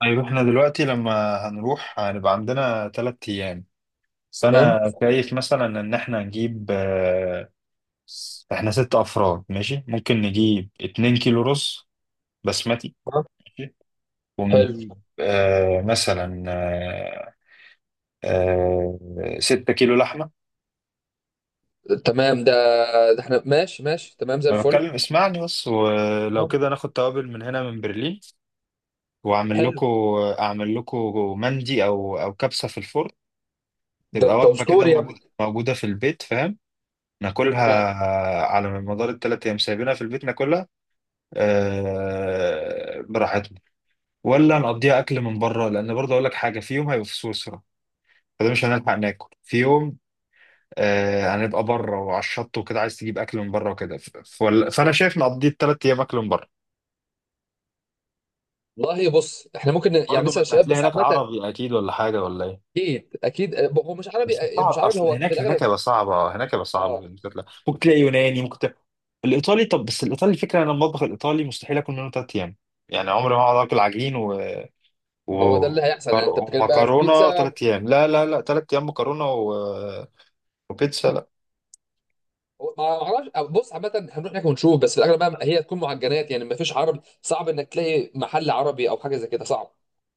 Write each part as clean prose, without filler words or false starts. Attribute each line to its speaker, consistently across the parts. Speaker 1: طيب احنا دلوقتي لما هنروح هنبقى عندنا 3 ايام. بس
Speaker 2: تمام.
Speaker 1: انا شايف مثلا ان احنا نجيب احنا 6 افراد، ماشي، ممكن نجيب 2 كيلو رز بسمتي. ماشي،
Speaker 2: حلو.
Speaker 1: ونجيب مثلا آه 6 كيلو لحمة.
Speaker 2: تمام، ده احنا ماشي ماشي تمام زي
Speaker 1: ما
Speaker 2: الفل.
Speaker 1: بتكلم اسمعني بس، ولو
Speaker 2: نعم.
Speaker 1: كده ناخد توابل من هنا من برلين واعمل
Speaker 2: حلو.
Speaker 1: لكم، اعمل لكم مندي او كبسة في الفرن.
Speaker 2: ده
Speaker 1: تبقى
Speaker 2: انت
Speaker 1: وجبة كده
Speaker 2: اسطوري يا ابني.
Speaker 1: موجودة موجودة في البيت، فاهم.
Speaker 2: تمام.
Speaker 1: ناكلها على مدار الثلاث ايام سايبينها في البيت ناكلها، آه، براحتنا، ولا نقضيها اكل من بره، لان برضه اقول لك حاجه، في يوم هيبقى في سويسرا فده مش هنلحق ناكل في يوم، آه، هنبقى بره وعلى الشط وكده، عايز تجيب اكل من بره وكده. فانا
Speaker 2: آه.
Speaker 1: شايف نقضي الثلاث ايام اكل من بره.
Speaker 2: والله بص احنا ممكن يعني
Speaker 1: برضه ما
Speaker 2: نسال
Speaker 1: انت
Speaker 2: الشباب
Speaker 1: هتلاقي
Speaker 2: بس
Speaker 1: هناك
Speaker 2: عامه.
Speaker 1: عربي اكيد ولا حاجه ولا ايه؟
Speaker 2: اكيد اكيد، هو مش
Speaker 1: بس
Speaker 2: عربي،
Speaker 1: صعب،
Speaker 2: مش عربي
Speaker 1: اصل
Speaker 2: هو في
Speaker 1: هناك
Speaker 2: الاغلب.
Speaker 1: هيبقى صعبة، هناك هيبقى صعب
Speaker 2: اه
Speaker 1: إنك تطلع. ممكن تلاقي يوناني، ممكن تلاقي الايطالي. طب بس الايطالي، الفكره انا المطبخ الايطالي مستحيل اكل منه 3 ايام. يعني عمري ما هقعد اكل عجين
Speaker 2: هو
Speaker 1: و...
Speaker 2: ده اللي هيحصل يعني انت بتتكلم بقى في
Speaker 1: ومكرونه
Speaker 2: بيتزا.
Speaker 1: 3 ايام. لا لا لا، 3 ايام مكرونه وبيتزا؟ لا.
Speaker 2: ما اعرفش، بص عامه هنروح هناك ونشوف بس في الاغلب بقى هي تكون معجنات يعني ما فيش عربي صعب انك تلاقي محل عربي او حاجه زي كده صعب.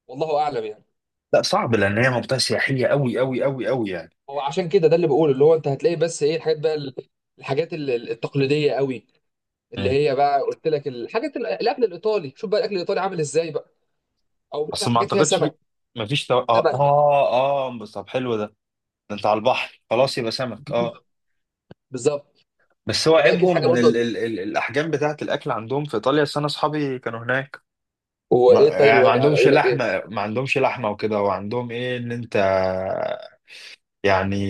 Speaker 2: والله اعلم يعني.
Speaker 1: لا، صعب لان هي منطقه سياحيه قوي قوي قوي قوي يعني.
Speaker 2: هو عشان كده ده اللي بقوله اللي هو انت هتلاقي بس ايه الحاجات بقى الحاجات التقليديه قوي اللي
Speaker 1: مم.
Speaker 2: هي بقى قلت لك الحاجات الاكل الايطالي شوف بقى الاكل الايطالي عامل ازاي بقى. او
Speaker 1: اصل
Speaker 2: مثلا
Speaker 1: ما
Speaker 2: حاجات فيها
Speaker 1: اعتقدش
Speaker 2: سمك.
Speaker 1: في، ما فيش تو... اه
Speaker 2: سمك.
Speaker 1: اه اه بس طب حلو ده. ده انت على البحر خلاص يبقى سمك، اه.
Speaker 2: بالظبط.
Speaker 1: بس هو
Speaker 2: فده اكيد
Speaker 1: عيبهم
Speaker 2: حاجه
Speaker 1: من ال
Speaker 2: برضه.
Speaker 1: ال ال الاحجام بتاعه الاكل عندهم في ايطاليا، أصل انا اصحابي كانوا هناك.
Speaker 2: هو
Speaker 1: ما,
Speaker 2: ايه طيب
Speaker 1: يعني ما
Speaker 2: الوضع
Speaker 1: عندهمش
Speaker 2: قالوا لك ايه؟
Speaker 1: لحمه، ما عندهمش لحمه وكده، وعندهم ايه ان انت يعني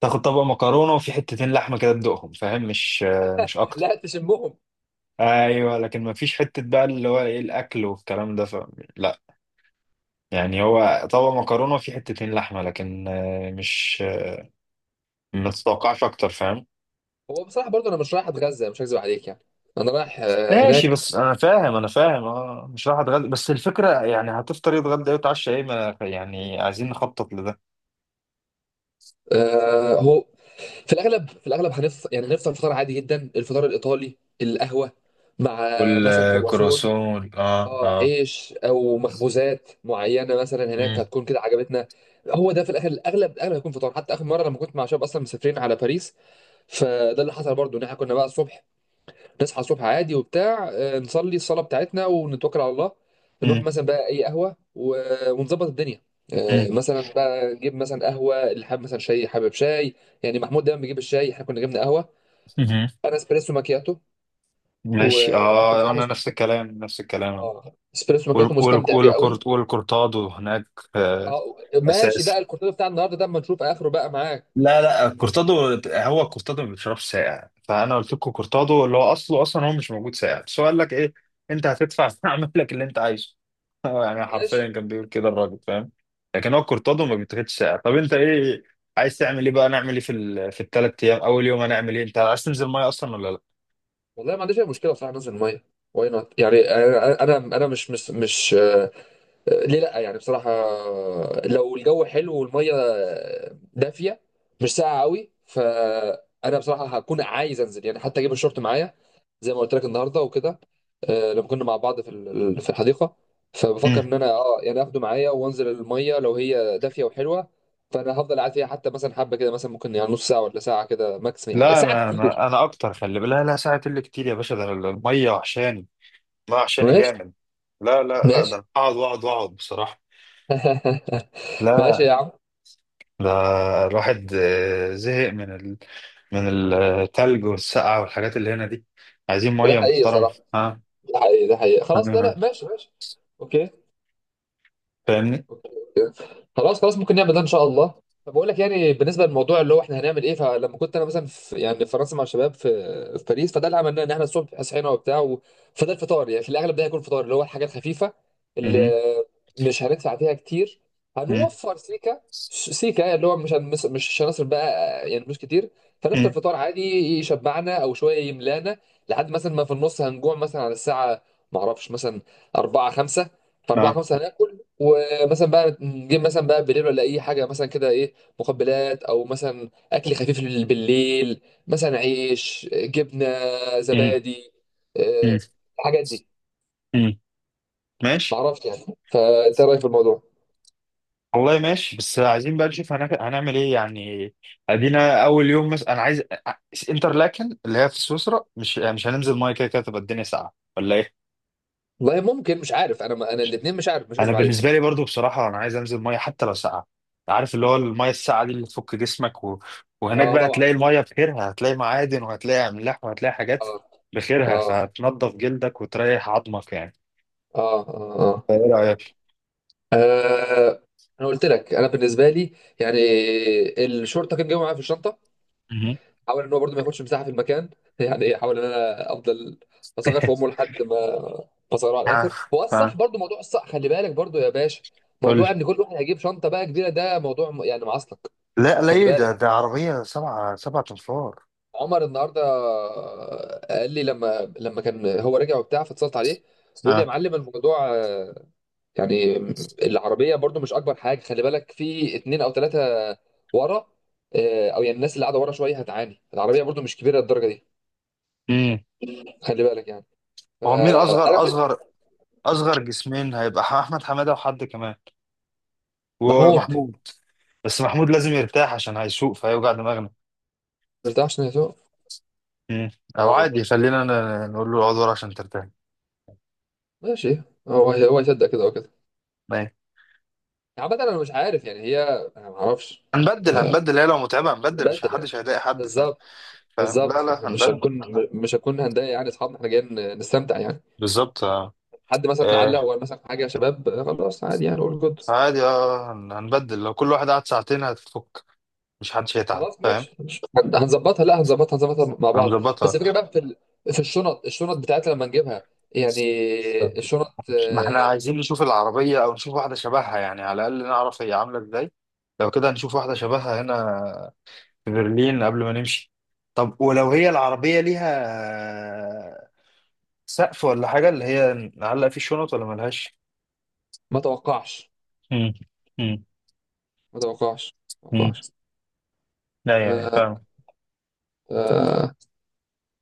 Speaker 1: تاخد طبق مكرونه وفي حتتين لحمه كده تدوقهم، فاهم، مش اكتر.
Speaker 2: لا تشمهم.
Speaker 1: ايوه لكن ما فيش حته بقى اللي هو ايه الاكل والكلام ده لا، يعني هو طبق مكرونه وفي حتتين لحمه لكن مش، ما تتوقعش اكتر، فاهم.
Speaker 2: هو بصراحه برضه انا مش رايح اتغذى مش هكذب عليك يعني. انا رايح،
Speaker 1: ماشي، بس
Speaker 2: هناك.
Speaker 1: انا فاهم اه، مش راح اتغدى، بس الفكره يعني هتفطر ايه، اتغدى ايه، وتعشى ايه، ما يعني عايزين نخطط لده.
Speaker 2: هو في الاغلب في الاغلب هنفطر يعني هنفطر فطار عادي جدا الفطار الايطالي القهوه مع مثلا كرواسون.
Speaker 1: والكرواسون، اه
Speaker 2: اه
Speaker 1: اه.
Speaker 2: عيش او مخبوزات معينه مثلا هناك
Speaker 1: مم.
Speaker 2: هتكون كده عجبتنا. هو ده في الاخر الاغلب الاغلب هيكون فطار حتى اخر مره لما كنت مع شباب اصلا مسافرين على باريس. فده اللي حصل برضو ان احنا كنا بقى الصبح نصحى الصبح عادي وبتاع، نصلي الصلاه بتاعتنا ونتوكل على الله. نروح
Speaker 1: مم.
Speaker 2: مثلا بقى اي قهوه ونظبط الدنيا.
Speaker 1: مم.
Speaker 2: مثلا بقى نجيب مثلا قهوه اللي حابب مثلا شاي حابب شاي يعني محمود دايما بيجيب الشاي احنا كنا جبنا قهوه.
Speaker 1: مهم.
Speaker 2: انا اسبريسو ماكياتو
Speaker 1: ماشي،
Speaker 2: وكنت
Speaker 1: اه،
Speaker 2: بصراحه
Speaker 1: انا نفس
Speaker 2: مستمتع.
Speaker 1: الكلام نفس الكلام.
Speaker 2: اه اسبريسو ماكياتو مستمتع بيه قوي.
Speaker 1: والكورت والكورتادو هناك، آه،
Speaker 2: اه ماشي
Speaker 1: اساسي.
Speaker 2: بقى الكورتين بتاع النهارده ده اما نشوف اخره بقى معاك.
Speaker 1: لا لا، كورتادو. هو كورتادو ما بيشربش ساقع، فانا قلت لكم كورتادو اللي هو اصله اصلا هو مش موجود ساقع، بس هو قال لك ايه، انت هتدفع فاعمل لك اللي انت عايزه. هو يعني حرفيا
Speaker 2: ماشي.
Speaker 1: كان بيقول كده الراجل، فاهم. لكن هو كورتادو ما بيتاخدش ساقع. طب انت ايه عايز تعمل ايه بقى؟ نعمل ايه في في الثلاث ايام؟ اول يوم هنعمل ايه؟ انت عايز تنزل ميه اصلا ولا لا؟
Speaker 2: والله ما عنديش اي مشكله بصراحه انزل الميه واي نوت يعني انا انا أنا مش ليه لا يعني بصراحة، لو الجو حلو والمية دافية مش ساقعة قوي فأنا بصراحة هكون عايز أنزل يعني حتى أجيب الشورت معايا زي ما قلت لك النهاردة وكده. لما كنا مع بعض في في الحديقة فبفكر
Speaker 1: مم.
Speaker 2: إن أنا يعني آخده معايا وأنزل المية لو هي دافية وحلوة. فأنا هفضل قاعد فيها حتى مثلا حبة كده مثلا ممكن يعني نص ساعة ولا ساعة كده ماكسيمم يعني
Speaker 1: لا،
Speaker 2: ساعة
Speaker 1: انا
Speaker 2: كتير.
Speaker 1: انا انا اكتر، خلي بالك، لا لا، ساعه اللي كتير يا باشا، ده أنا الميه وحشاني، الميه وحشاني
Speaker 2: ماشي
Speaker 1: جامد. لا لا لا، ده
Speaker 2: ماشي.
Speaker 1: أنا اقعد واقعد واقعد بصراحه.
Speaker 2: ماشي
Speaker 1: لا،
Speaker 2: يا عم.
Speaker 1: ده الواحد زهق من من التلج والسقعة والحاجات اللي هنا دي، عايزين
Speaker 2: وده
Speaker 1: مية
Speaker 2: حقيقي
Speaker 1: محترمة.
Speaker 2: بصراحة.
Speaker 1: ها.
Speaker 2: ده حقيقي ده حقيقي خلاص لا
Speaker 1: أنا
Speaker 2: لا ماشي ماشي. اوكي
Speaker 1: فاهمني.
Speaker 2: اوكي اوكي خلاص خلاص ممكن نعمل ده ان شاء الله. طب بقول لك يعني بالنسبه للموضوع اللي هو احنا هنعمل ايه فلما كنت انا مثلا في يعني في فرنسا مع الشباب في في باريس فده اللي عملناه ان احنا الصبح صحينا وبتاع فده الفطار يعني في الاغلب ده هيكون فطار اللي هو الحاجه الخفيفه اللي
Speaker 1: مهم.
Speaker 2: مش هندفع فيها كتير.
Speaker 1: مم.
Speaker 2: هنوفر سيكا. سيكا اللي هو مش هنصرف بقى يعني فلوس كتير. فنفطر
Speaker 1: مم.
Speaker 2: فطار عادي يشبعنا او شويه يملانا لحد مثلا ما في النص هنجوع مثلا على الساعه ما اعرفش مثلا 4 5 في 4
Speaker 1: آه.
Speaker 2: 5 هناكل. مثلا بقى نجيب مثلا بقى بالليل ولا اي حاجه مثلا كده ايه، مقبلات او مثلا اكل خفيف بالليل مثلا عيش جبنه
Speaker 1: مم.
Speaker 2: زبادي،
Speaker 1: مم.
Speaker 2: آه، الحاجات دي.
Speaker 1: مم. ماشي.
Speaker 2: معرفش يعني. فانت إيه رايك في الموضوع؟
Speaker 1: والله ماشي، بس عايزين بقى نشوف هنعمل ايه يعني. ادينا اول يوم، مثلا انا عايز انترلاكن اللي هي في سويسرا، مش هننزل ميه؟ كده كده تبقى الدنيا ساقعه ولا ايه؟
Speaker 2: والله ممكن مش عارف انا ما انا الاثنين مش عارف مش
Speaker 1: انا
Speaker 2: كذب عليك.
Speaker 1: بالنسبه لي برضو بصراحه انا عايز انزل ميه حتى لو ساقعه. عارف اللي هو الميه الساقعه دي اللي تفك جسمك وهناك
Speaker 2: اه
Speaker 1: بقى
Speaker 2: طبعا
Speaker 1: تلاقي الميه بخيرها، هتلاقي معادن وهتلاقي املاح وهتلاقي حاجات
Speaker 2: اه
Speaker 1: بخيرها،
Speaker 2: اه
Speaker 1: فهتنضف جلدك وتريح عظمك يعني.
Speaker 2: اه
Speaker 1: فايه رايك؟
Speaker 2: آه. انا قلت لك انا بالنسبه لي يعني الشورت كان جاي معايا في الشنطه.
Speaker 1: مهم.
Speaker 2: حاول ان هو برضه ما ياخدش مساحه في المكان يعني ايه حاول ان انا افضل اصغر في امه لحد ما اصغره على
Speaker 1: ها.
Speaker 2: الاخر هو الصح
Speaker 1: ها.
Speaker 2: برضه موضوع الصح خلي بالك برضه يا باشا.
Speaker 1: قول
Speaker 2: موضوع
Speaker 1: لي.
Speaker 2: ان كل واحد هيجيب شنطه بقى كبيره ده موضوع يعني معصلك.
Speaker 1: لا
Speaker 2: خلي
Speaker 1: ليه؟ ده ده
Speaker 2: بالك.
Speaker 1: عربية سبعة 7 أنفار.
Speaker 2: عمر النهارده قال لي لما كان هو راجع وبتاع فاتصلت عليه بيقول لي يا
Speaker 1: ها.
Speaker 2: معلم الموضوع، يعني العربيه برضه مش اكبر حاجه خلي بالك في اتنين او ثلاثه ورا، او يعني الناس اللي قاعده ورا شويه هتعاني العربيه برضه مش كبيره للدرجه دي.
Speaker 1: امم.
Speaker 2: خلي بالك يعني.
Speaker 1: هو مين
Speaker 2: فانا في...
Speaker 1: أصغر جسمين هيبقى أحمد حمادة وحد كمان،
Speaker 2: محمود.
Speaker 1: ومحمود. بس محمود لازم يرتاح عشان هيسوق، فهيوجع دماغنا.
Speaker 2: مش ده عشان يسوع.
Speaker 1: مم. او
Speaker 2: اه
Speaker 1: عادي خلينا نقول له اقعد ورا عشان ترتاح.
Speaker 2: ماشي. هو هو يصدق كده وكده
Speaker 1: ماشي.
Speaker 2: يعني عامة انا مش عارف يعني هي انا ما اعرفش.
Speaker 1: هنبدل
Speaker 2: آه،
Speaker 1: هنبدل هي لو متعبه هنبدل، مش
Speaker 2: بدل يعني.
Speaker 1: محدش هيضايق حد، فاهم.
Speaker 2: بالظبط.
Speaker 1: فاهم، لا
Speaker 2: بالظبط
Speaker 1: لا،
Speaker 2: إحنا مش
Speaker 1: هنبدل.
Speaker 2: هنكون مش هنكون هنضايق يعني اصحابنا احنا جايين نستمتع يعني.
Speaker 1: بالظبط. اه،
Speaker 2: حد مثلا علق
Speaker 1: آه،
Speaker 2: وقال مثلا حاجه يا شباب، خلاص عادي يعني قول جود.
Speaker 1: عادي اه، هنبدل لو كل واحد قعد ساعتين هتفك، مش حدش هيتعب،
Speaker 2: خلاص
Speaker 1: فاهم.
Speaker 2: ماشي مش هن- هنظبطها لا هنظبطها هنظبطها مع بعض. بس
Speaker 1: هنظبطها.
Speaker 2: الفكره بقى في في الشنط الشنط بتاعتنا لما نجيبها يعني الشنط،
Speaker 1: ما احنا عايزين نشوف العربيه او نشوف واحده شبهها يعني، على الاقل نعرف هي عامله ازاي. لو كده هنشوف واحده شبهها هنا في برلين قبل ما نمشي. طب ولو هي العربيه ليها سقف ولا حاجة اللي هي نعلق فيه شنط ولا ملهاش؟
Speaker 2: ما توقعش.
Speaker 1: مم. مم.
Speaker 2: ما توقعش. ما
Speaker 1: مم.
Speaker 2: توقعش.
Speaker 1: لا، يعني
Speaker 2: آه،
Speaker 1: فاهم.
Speaker 2: آه،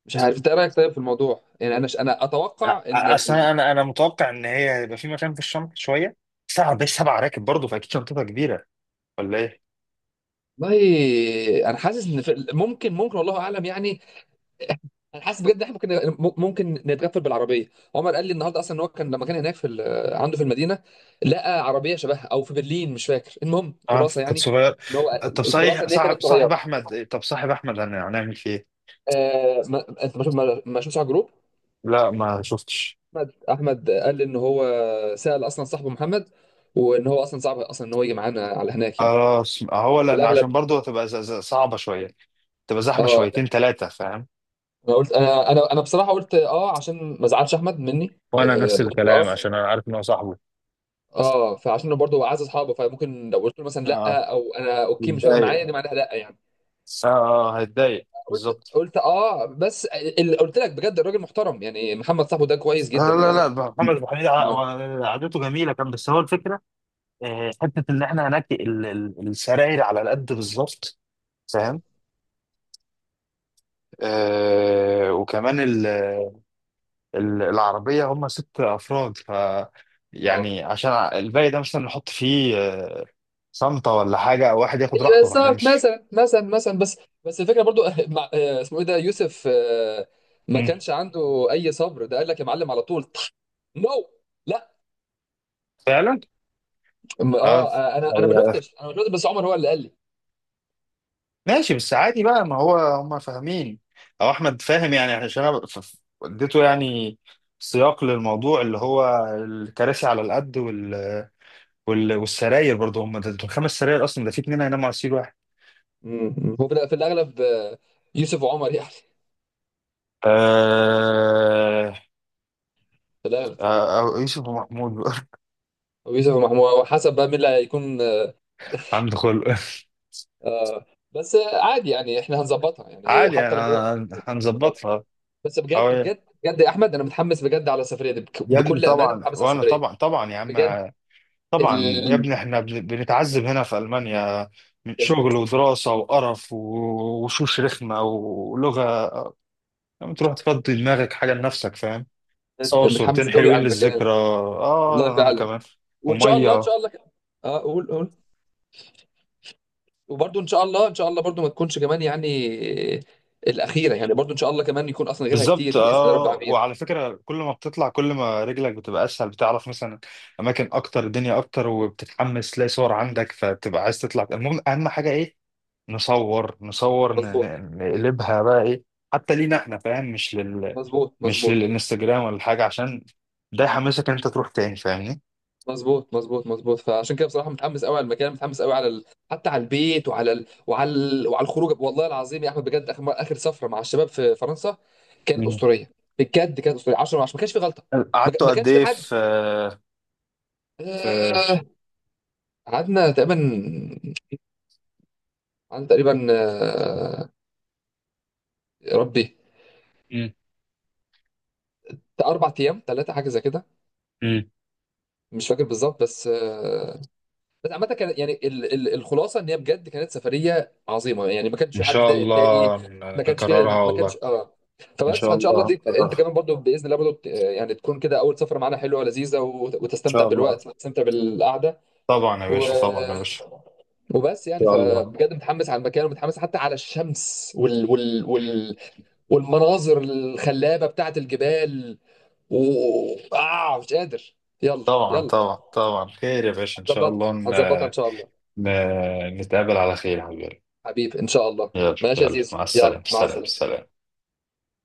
Speaker 2: مش عارف انت إيه رايك طيب في الموضوع يعني انا اتوقع ان
Speaker 1: اصل انا انا أنا متوقع ان هي هيبقى في مكان في الشنطه شويه، سبعة بس 7 راكب برضه، فاكيد شنطتها كبيره ولا ايه؟
Speaker 2: والله انا حاسس ان ممكن ممكن والله اعلم يعني. انا حاسس بجد ان احنا ممكن ممكن نتغفل بالعربيه. عمر قال لي النهارده اصلا ان هو كان لما كان هناك في عنده في المدينه لقى عربيه شبهها او في برلين مش فاكر المهم
Speaker 1: اه
Speaker 2: خلاصه
Speaker 1: كانت
Speaker 2: يعني
Speaker 1: صغيره.
Speaker 2: ان هو
Speaker 1: طب
Speaker 2: الخلاصه
Speaker 1: صحيح،
Speaker 2: ان هي كانت صغيره.
Speaker 1: صاحب احمد إيه؟ طب صاحب احمد هنعمل فيه ايه؟
Speaker 2: ما انت ما شوف- ما- ما شفتش على الجروب.
Speaker 1: لا ما شفتش.
Speaker 2: احمد قال لي ان هو سال اصلا صاحبه محمد وان هو اصلا صعب اصلا ان هو يجي معانا على هناك يعني.
Speaker 1: خلاص، هو
Speaker 2: في
Speaker 1: لان عشان
Speaker 2: الاغلب
Speaker 1: برضه هتبقى صعبه شويه، تبقى زحمه
Speaker 2: اه.
Speaker 1: شويتين ثلاثه، فاهم.
Speaker 2: انا قلت انا بصراحه قلت اه عشان ما ازعلش احمد مني،
Speaker 1: وانا نفس
Speaker 2: قلت
Speaker 1: الكلام
Speaker 2: اه.
Speaker 1: عشان انا عارف ان هو صاحبه.
Speaker 2: اه فعشان برضه هو عايز اصحابه فممكن لو قلت له مثلا
Speaker 1: اه
Speaker 2: لا او انا اوكي مش فارقه معايا
Speaker 1: اتضايق،
Speaker 2: دي معناها لا يعني.
Speaker 1: اه هيتضايق
Speaker 2: قلت
Speaker 1: بالظبط.
Speaker 2: قلت اه بس اللي قلت لك بجد الراجل محترم يعني محمد صاحبه ده كويس جدا
Speaker 1: لا لا
Speaker 2: انا.
Speaker 1: لا، محمد ابو حميد
Speaker 2: اه
Speaker 1: قعدته جميله كان، بس هو الفكره حته ان احنا هناك السراير على قد بالظبط، فاهم. آه، وكمان ال- العربيه هم 6 افراد، ف
Speaker 2: آه.
Speaker 1: يعني عشان الباقي ده مثلا نحط فيه صنطه ولا حاجه، او واحد ياخد
Speaker 2: ايوه
Speaker 1: راحته فاحنا
Speaker 2: صح
Speaker 1: مش.
Speaker 2: مثلا مثلا مثلا بس بس الفكره برضو مع، اسمه ايه ده يوسف، ما
Speaker 1: مم.
Speaker 2: كانش عنده اي صبر ده قال لك يا معلم على طول. نو.
Speaker 1: فعلا. اه
Speaker 2: اه انا ما شفتش بس عمر هو اللي قال لي.
Speaker 1: ماشي، بس عادي بقى، ما هو هم فاهمين او احمد فاهم يعني، عشان انا اديته يعني سياق للموضوع اللي هو الكراسي على القد والسراير. برضه هم ده دول 5 سراير اصلا، ده في اتنين هيناموا على سرير واحد.
Speaker 2: مم. هو في في الاغلب، يوسف وعمر يعني.
Speaker 1: آه...
Speaker 2: في الاغلب
Speaker 1: أو يوسف ومحمود بقى.
Speaker 2: ويوسف ومحمود وحسب بقى مين اللي هيكون
Speaker 1: عنده خلق
Speaker 2: آه. بس، عادي يعني احنا هنظبطها يعني
Speaker 1: عادي يعني،
Speaker 2: حتى لما هو
Speaker 1: هنظبطها.
Speaker 2: بس بجد
Speaker 1: أو
Speaker 2: بجد بجد يا احمد انا متحمس بجد على السفريه دي
Speaker 1: يا ابني،
Speaker 2: بكل امانه
Speaker 1: طبعا،
Speaker 2: متحمس على
Speaker 1: وانا
Speaker 2: السفريه.
Speaker 1: طبعا طبعا يا عم.
Speaker 2: بجد
Speaker 1: طبعا يا
Speaker 2: ال...
Speaker 1: ابني، احنا بنتعذب هنا في ألمانيا من شغل
Speaker 2: بجد
Speaker 1: ودراسة وقرف وشوش رخمة ولغة. لما تروح تفضي دماغك حاجة لنفسك، فاهم. صور
Speaker 2: متحمس
Speaker 1: صورتين
Speaker 2: قوي
Speaker 1: حلوين
Speaker 2: على المكان
Speaker 1: للذكرى،
Speaker 2: والله
Speaker 1: اه انا
Speaker 2: فعلا
Speaker 1: كمان.
Speaker 2: وان شاء الله ان
Speaker 1: ومية.
Speaker 2: شاء الله كده. اه قول قول. وبرضه ان شاء الله ان شاء الله برضه ما تكونش كمان يعني الاخيره يعني برضه ان شاء الله كمان يكون اصلا غيرها
Speaker 1: بالظبط
Speaker 2: كتير باذن الله رب
Speaker 1: اه.
Speaker 2: العالمين.
Speaker 1: وعلى فكرة، كل ما بتطلع كل ما رجلك بتبقى اسهل، بتعرف مثلا اماكن اكتر، الدنيا اكتر، وبتتحمس تلاقي صور عندك فتبقى عايز تطلع. المهم، اهم حاجة ايه؟ نصور نصور،
Speaker 2: مظبوط
Speaker 1: نقلبها بقى ايه، حتى لينا احنا، فاهم، مش لل،
Speaker 2: مظبوط
Speaker 1: مش
Speaker 2: مظبوط
Speaker 1: للانستجرام ولا حاجه، عشان ده يحمسك ان انت تروح تاني، فاهمني.
Speaker 2: مظبوط مظبوط مظبوط. فعشان كده بصراحه متحمس قوي على المكان متحمس قوي على حتى على البيت وعلى وعلى وعلى الخروج والله العظيم يا احمد بجد اخر اخر سفره مع الشباب في فرنسا كانت
Speaker 1: مم.
Speaker 2: اسطوريه. بجد كانت اسطوريه 10 من 10 ما كانش في غلطه. ما
Speaker 1: قعدتوا
Speaker 2: ما
Speaker 1: قد
Speaker 2: كانش في
Speaker 1: ايه
Speaker 2: حد،
Speaker 1: في في
Speaker 2: آه،
Speaker 1: في-
Speaker 2: قعدنا تقريبا. قعدنا تقريبا، يا ربي
Speaker 1: مم.
Speaker 2: بتاع اربع ايام ثلاثه حاجه زي كده.
Speaker 1: مم.
Speaker 2: مش فاكر بالظبط بس، بس عامة كان يعني الخلاصة ان هي بجد كانت سفرية عظيمة يعني ما كانش
Speaker 1: ان
Speaker 2: في حد
Speaker 1: شاء
Speaker 2: ضايق التاني.
Speaker 1: الله
Speaker 2: ما كانش فيه
Speaker 1: نكررها
Speaker 2: ما
Speaker 1: والله.
Speaker 2: كانش اه.
Speaker 1: ان
Speaker 2: فبس
Speaker 1: شاء
Speaker 2: فان شاء الله
Speaker 1: الله
Speaker 2: دي انت
Speaker 1: هنكررها.
Speaker 2: كمان برضو باذن الله برضو يعني تكون كده اول سفرة معانا حلوة ولذيذة
Speaker 1: ان
Speaker 2: وتستمتع
Speaker 1: شاء الله.
Speaker 2: بالوقت وتستمتع بالقعدة.
Speaker 1: طبعا يا
Speaker 2: و...
Speaker 1: باشا، طبعا يا باشا.
Speaker 2: وبس
Speaker 1: ان
Speaker 2: يعني
Speaker 1: شاء الله.
Speaker 2: فبجد متحمس على المكان ومتحمس حتى على الشمس والمناظر الخلابة بتاعت الجبال. و... آه مش قادر. يلا.
Speaker 1: طبعا
Speaker 2: يلا
Speaker 1: طبعا طبعا، خير يا باشا، ان شاء
Speaker 2: هنظبطها
Speaker 1: الله
Speaker 2: هنظبطها ان شاء الله.
Speaker 1: ن... نتقابل على خير يا حبيبي.
Speaker 2: حبيبي ان شاء الله.
Speaker 1: يلا
Speaker 2: ماشي يا
Speaker 1: يلا،
Speaker 2: زيزو
Speaker 1: مع
Speaker 2: يلا
Speaker 1: السلامه،
Speaker 2: مع
Speaker 1: سلام
Speaker 2: السلامه.
Speaker 1: سلام.